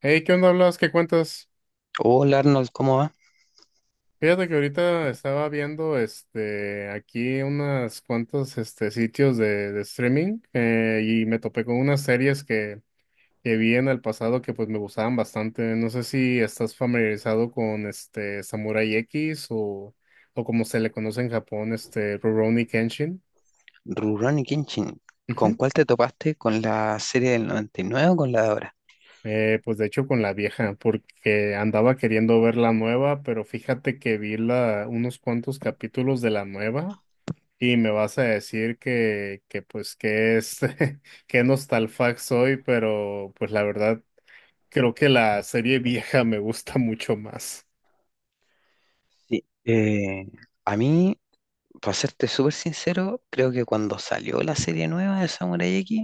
Hey, ¿qué onda hablas? ¿Qué cuentas? Hola Arnold, ¿cómo va? Fíjate que ahorita estaba viendo aquí unas cuantos sitios de streaming, y me topé con unas series que vi en el pasado que pues me gustaban bastante. No sé si estás familiarizado con Samurai X o como se le conoce en Japón, este Rurouni Kenshin. Rurouni Kenshin, ¿con Ujú. cuál te topaste? ¿Con la serie del 99 o con la de ahora? Pues de hecho con la vieja, porque andaba queriendo ver la nueva, pero fíjate que vi unos cuantos capítulos de la nueva. Y me vas a decir que pues que es que nostalfax soy, pero pues la verdad creo que la serie vieja me gusta mucho más. Sí. A mí, para serte súper sincero, creo que cuando salió la serie nueva de Samurai X,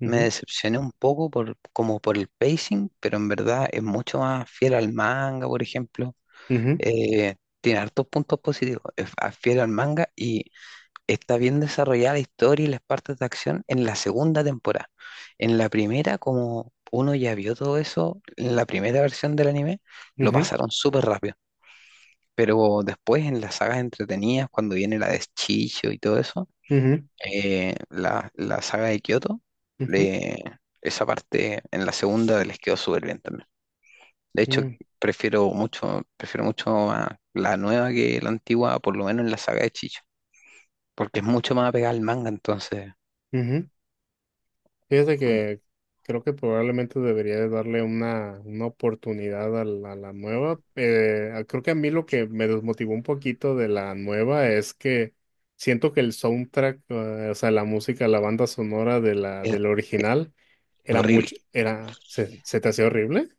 me Ujú, decepcioné un poco por, como por el pacing, pero en verdad es mucho más fiel al manga, por ejemplo. ujú, Tiene hartos puntos positivos, es fiel al manga y está bien desarrollada la historia y las partes de acción en la segunda temporada. En la primera, como uno ya vio todo eso, en la primera versión del anime, lo ujú, pasaron súper rápido. Pero después, en las sagas entretenidas, cuando viene la de Chicho y todo eso, ujú, la saga de Kyoto, ujú, le- esa parte en la segunda les quedó súper bien también. De hecho, ujú, prefiero mucho a la nueva que la antigua, por lo menos en la saga de Chicho, porque es mucho más apegada al manga, entonces. ujú. Fíjate que creo que probablemente debería de darle una oportunidad a a la nueva. Creo que a mí lo que me desmotivó un poquito de la nueva es que siento que el soundtrack, o sea, la música, la banda sonora de eh, del original Es era horrible. mucho, se, se te hacía horrible, ¿en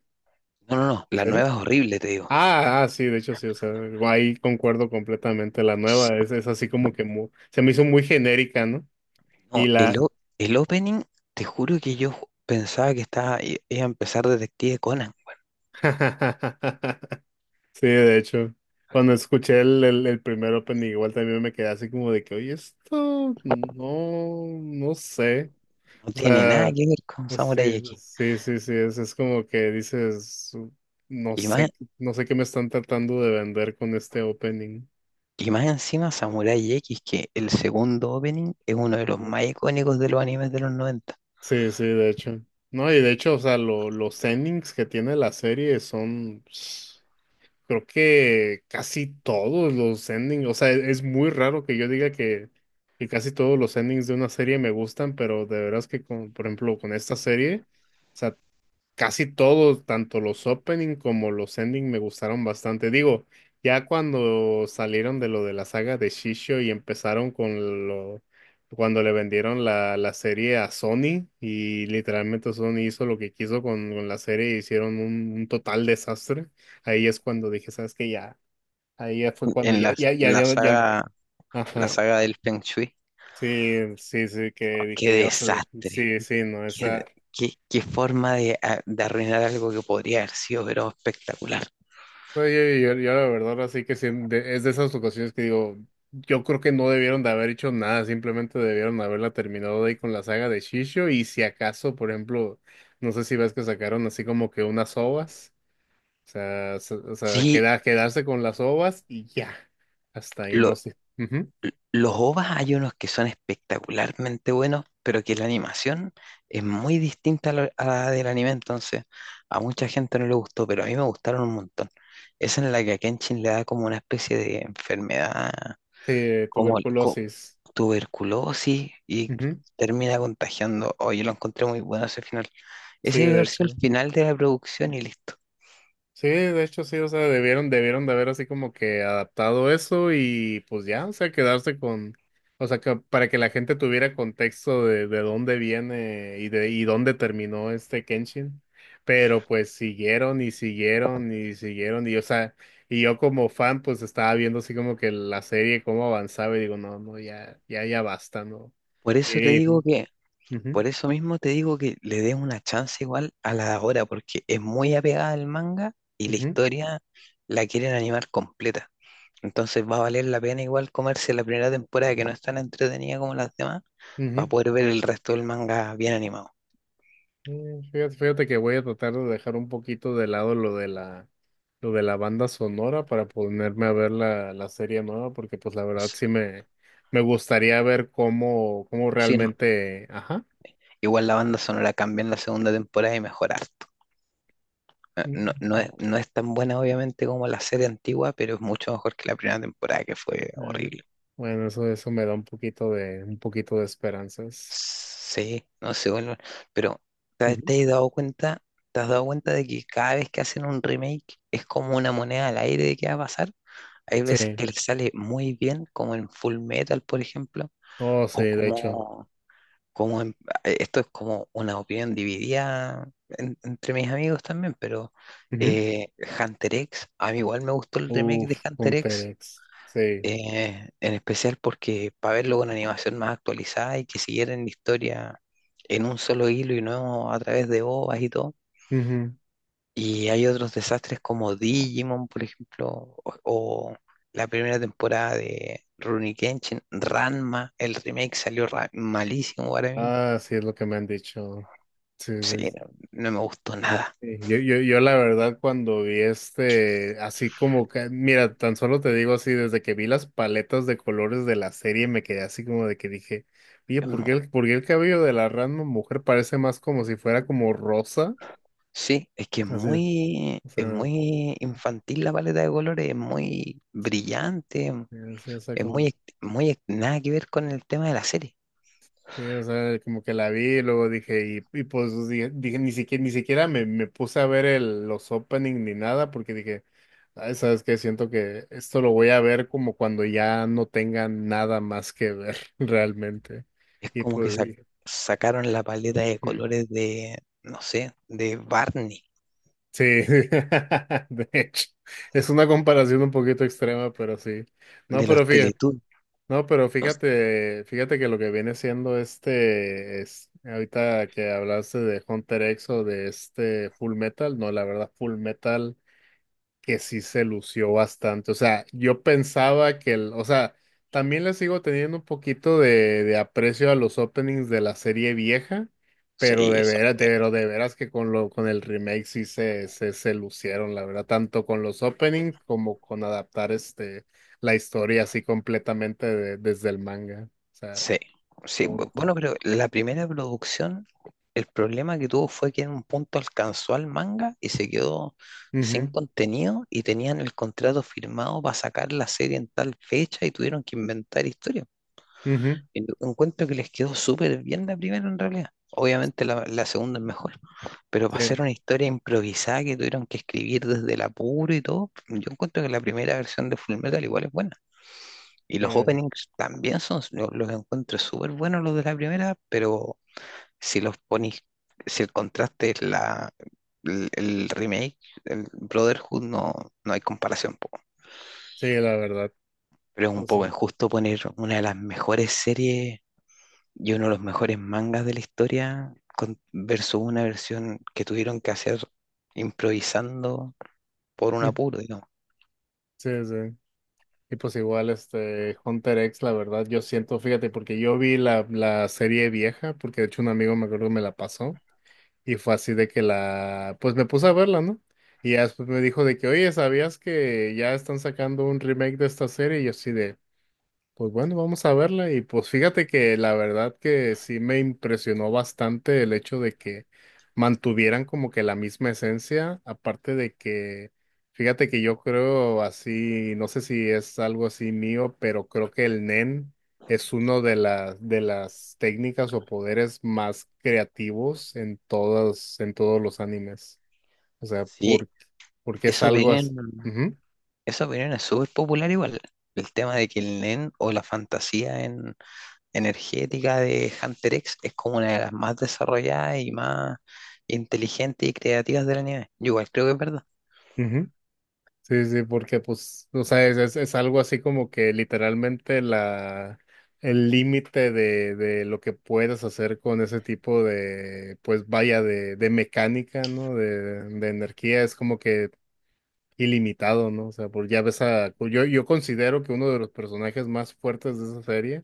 No, no, no. La serio? nueva es horrible, te digo. Sí, de hecho sí, o sea, ahí concuerdo completamente. La nueva es así como que se me hizo muy genérica, ¿no? No, Y el, la... o- El opening, te juro que yo pensaba que estaba, iba a empezar Detective Conan. Sí, de hecho, cuando escuché el primer opening igual también me quedé así como de que, oye, esto no, no sé. No O tiene nada sea, que ver con pues Samurai sí, X. sí, sí, sí, es como que dices, no Y más, sé, no sé qué me están tratando de vender con este opening. y más encima, Samurai X, que el segundo opening es uno de los más icónicos de los animes de los noventa. Sí, sí, de hecho. No, y de hecho, o sea, los endings que tiene la serie son. Creo que casi todos los endings, o sea, es muy raro que yo diga que casi todos los endings de una serie me gustan, pero de veras que, con, por ejemplo, con esta serie, o sea, casi todos, tanto los opening como los ending, me gustaron bastante. Digo, ya cuando salieron de lo de la saga de Shisho y empezaron con lo, cuando le vendieron la serie a Sony, y literalmente Sony hizo lo que quiso con la serie y hicieron un total desastre. Ahí es cuando dije, ¿sabes qué? Ya, ahí ya fue cuando En ya, la, ya, ya, ya, ya. La Ajá. saga del Feng Shui. Sí, sí, sí, Oh, que qué dije yo, o sea, desastre. sí, sí, no, Qué, esa. Qué forma de, de arruinar algo que podría haber sido, pero espectacular. No, yo la verdad así que sí, es de esas ocasiones que digo, yo creo que no debieron de haber hecho nada, simplemente debieron haberla terminado ahí con la saga de Shisho y si acaso, por ejemplo, no sé si ves que sacaron así como que unas ovas, o sea, o sea, Sí, quedarse con las ovas y ya, hasta ahí, lo, no sé. Ujú. Los OVAs, hay unos que son espectacularmente buenos, pero que la animación es muy distinta a a la del anime, entonces a mucha gente no le gustó, pero a mí me gustaron un montón. Esa en la que a Kenshin le da como una especie de enfermedad, Sí, como el- co- tuberculosis. tuberculosis, y Ujú. termina contagiando. Oye, lo encontré muy bueno ese final. Sí, Ese debió de haber sido el hecho. final de la producción y listo. Sí, de hecho sí, o sea, debieron, debieron de haber así como que adaptado eso y pues ya, o sea, quedarse con, o sea, que para que la gente tuviera contexto de dónde viene y de y dónde terminó este Kenshin. Pero pues siguieron y siguieron y siguieron y, o sea, y yo como fan pues estaba viendo así como que la serie cómo avanzaba y digo, no, no, ya, ya, ya basta, ¿no? Por eso te Y, digo ujú, que Por eso mismo te digo que le des una chance igual a la de ahora, porque es muy apegada al manga y la ujú, historia la quieren animar completa. Entonces va a valer la pena igual comerse la primera temporada, que no es tan entretenida como las demás, ujú. para Ujú. poder ver el resto del manga bien animado. Mm, fíjate, fíjate que voy a tratar de dejar un poquito de lado lo de lo de la banda sonora para ponerme a ver la serie nueva, porque pues la verdad S- sí me gustaría ver cómo, cómo Sí, no. realmente, ajá. Igual la banda sonora cambia en la segunda temporada y mejora harto. Mm, No es tan buena obviamente como la serie antigua, pero es mucho mejor que la primera temporada, que fue ah, horrible. bueno, eso me da un poquito de esperanzas. Sí, no sé, bueno, pero Ujú. te has dado cuenta? ¿Te has dado cuenta de que cada vez que hacen un remake es como una moneda al aire de qué va a pasar? Hay Sí, veces que les sale muy bien, como en Full Metal, por ejemplo, oh sí, o de hecho. como, como en- esto es como una opinión dividida entre mis amigos también, pero eh, Hunter X, a mí igual me gustó el Ujú. remake Uf, de Hunter un X, Terex. Sí. En especial porque para verlo con animación más actualizada y que siguieran la historia en un solo hilo y no a través de OVAs y todo. Ujú. Y hay otros desastres como Digimon, por ejemplo, o la primera temporada de Rurouni Kenshin, Ranma, el remake salió malísimo para mí. Ah, sí es lo que me han dicho. Sí, Sí, sí. no, no me gustó nada. Sí, yo, yo la verdad cuando vi así como que, mira, tan solo te digo así, desde que vi las paletas de colores de la serie me quedé así como de que dije, oye, Es mu- por qué el cabello de la Ranma mujer parece más como si fuera como rosa? Sí, es que Así, o es sea, muy infantil la paleta de colores, es muy brillante. así, o sea, Es muy, como, muy, nada que ver con el tema de la serie. sí, o sea, como que la vi y luego dije, y pues dije, dije, ni siquiera, ni siquiera me, me puse a ver los opening ni nada, porque dije, "Ay, ¿sabes qué? Siento que esto lo voy a ver como cuando ya no tenga nada más que ver realmente. Es Y como que pues, sac- Sacaron la paleta de ujú. colores de, no sé, de Barney, Sí, de hecho, es una comparación un poquito extrema, pero sí. No, de pero los fíjate. Teletubbies. No, pero No sé. fíjate, fíjate que lo que viene siendo es, ahorita que hablaste de Hunter X o de este Full Metal, no, la verdad, Full Metal, que sí se lució bastante. O sea, yo pensaba que el, o sea, también le sigo teniendo un poquito de aprecio a los openings de la serie vieja, Sí, pero de son veras, de, buenos. pero de veras que con lo, con el remake sí se lucieron, la verdad, tanto con los openings como con adaptar este la historia así completamente desde el manga. O sea, Sí, sí, como- bueno, pero la primera producción, el problema que tuvo fue que en un punto alcanzó al manga y se quedó sin Ujú, contenido, y tenían el contrato firmado para sacar la serie en tal fecha y tuvieron que inventar historias. ujú, Y yo encuentro que les quedó súper bien la primera en realidad. Obviamente la segunda es mejor, pero para sí, hacer una historia improvisada que tuvieron que escribir desde el apuro y todo, yo encuentro que la primera versión de Fullmetal igual es buena. Y los eh, openings también son, yo los encuentro súper buenos los de la primera, pero si los pones, si el contraste es el remake, el Brotherhood, no, no hay comparación. Po. sí, la verdad. Pero es un O sea, poco injusto poner una de las mejores series y uno de los mejores mangas de la historia versus una versión que tuvieron que hacer improvisando por un mm, apuro, digamos. sí, sí. Y pues igual este Hunter X, la verdad, yo siento, fíjate, porque yo vi la serie vieja, porque de hecho un amigo me acuerdo que me la pasó, y fue así de que la, pues me puse a verla, ¿no? Y ya después me dijo de que, oye, ¿sabías que ya están sacando un remake de esta serie? Y yo así de, pues bueno, vamos a verla y pues fíjate que la verdad que sí me impresionó bastante el hecho de que mantuvieran como que la misma esencia, aparte de que, fíjate que yo creo así, no sé si es algo así mío, pero creo que el Nen es uno de las técnicas o poderes más creativos en todos los animes. O sea, Sí, por, porque es esa algo así. opinión, esa opinión es súper popular igual. El tema de que el nen o la fantasía energética de Hunter X es como una de las más desarrolladas y más inteligentes y creativas del anime. Yo igual creo que es verdad. Ujú, sí, sí, porque pues, o sea, es algo así como que literalmente la, el límite de lo que puedes hacer con ese tipo de, pues vaya, de mecánica, ¿no? De energía es como que ilimitado, ¿no? O sea, pues ya ves a, pues, yo considero que uno de los personajes más fuertes de esa serie,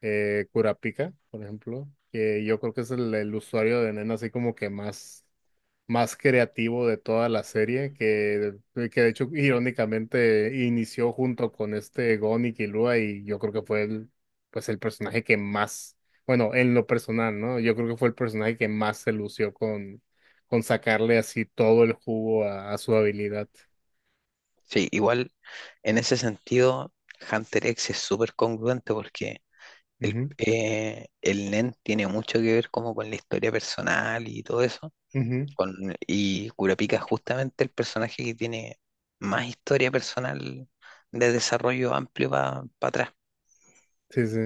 Kurapika, por ejemplo, que yo creo que es el usuario de Nen así como que más, más creativo de toda la serie, que de hecho irónicamente inició junto con este Gon y Killua, y yo creo que fue el, pues el personaje que más, bueno, en lo personal, ¿no? Yo creo que fue el personaje que más se lució con sacarle así todo el jugo a su habilidad. Sí, igual en ese sentido Hunter X es súper congruente porque Ujú, el Nen tiene mucho que ver como con la historia personal y todo eso. ujú. Con, y Kurapika es justamente el personaje que tiene más historia personal, de desarrollo amplio para atrás. Sí, sí.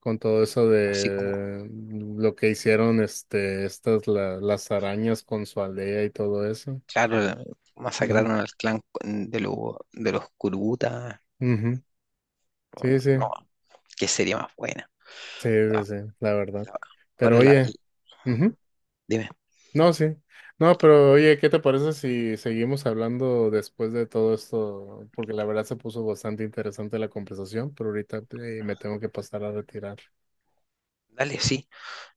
Con todo eso Así como, de lo que hicieron este, estas las arañas con su aldea y todo eso. claro, Ujú, masacraron al clan de los Kurubuta. ujú. Sí, sí. No, qué serie más buena. Sí, Ah, sí, sí, la verdad. la- Pero ahora oye, ujú, dime, no, sí. No, pero oye, ¿qué te parece si seguimos hablando después de todo esto? Porque la verdad se puso bastante interesante la conversación, pero ahorita me tengo que pasar a retirar. dale, sí.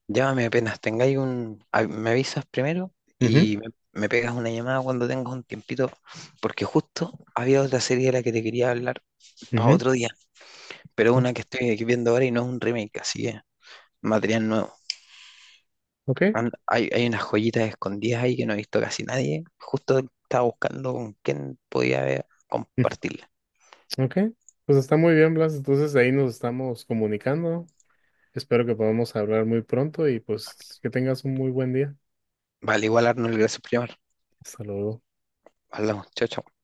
Llámame apenas tengáis un... Me avisas primero Ujú, y me pegas una llamada cuando tengas un tiempito, porque justo había otra serie de la que te quería hablar para ujú, otro día, pero ok, una que estoy aquí viendo ahora y no es un remake, así que material nuevo. ok, Hay unas joyitas escondidas ahí que no ha visto casi nadie. Justo estaba buscando con quién podía mm, compartirla. ok. Pues está muy bien, Blas. Entonces ahí nos estamos comunicando. Espero que podamos hablar muy pronto y pues que tengas un muy buen día. Vale, igual Arnold, gracias por llamar. Hasta luego. Hablamos, chao, chao.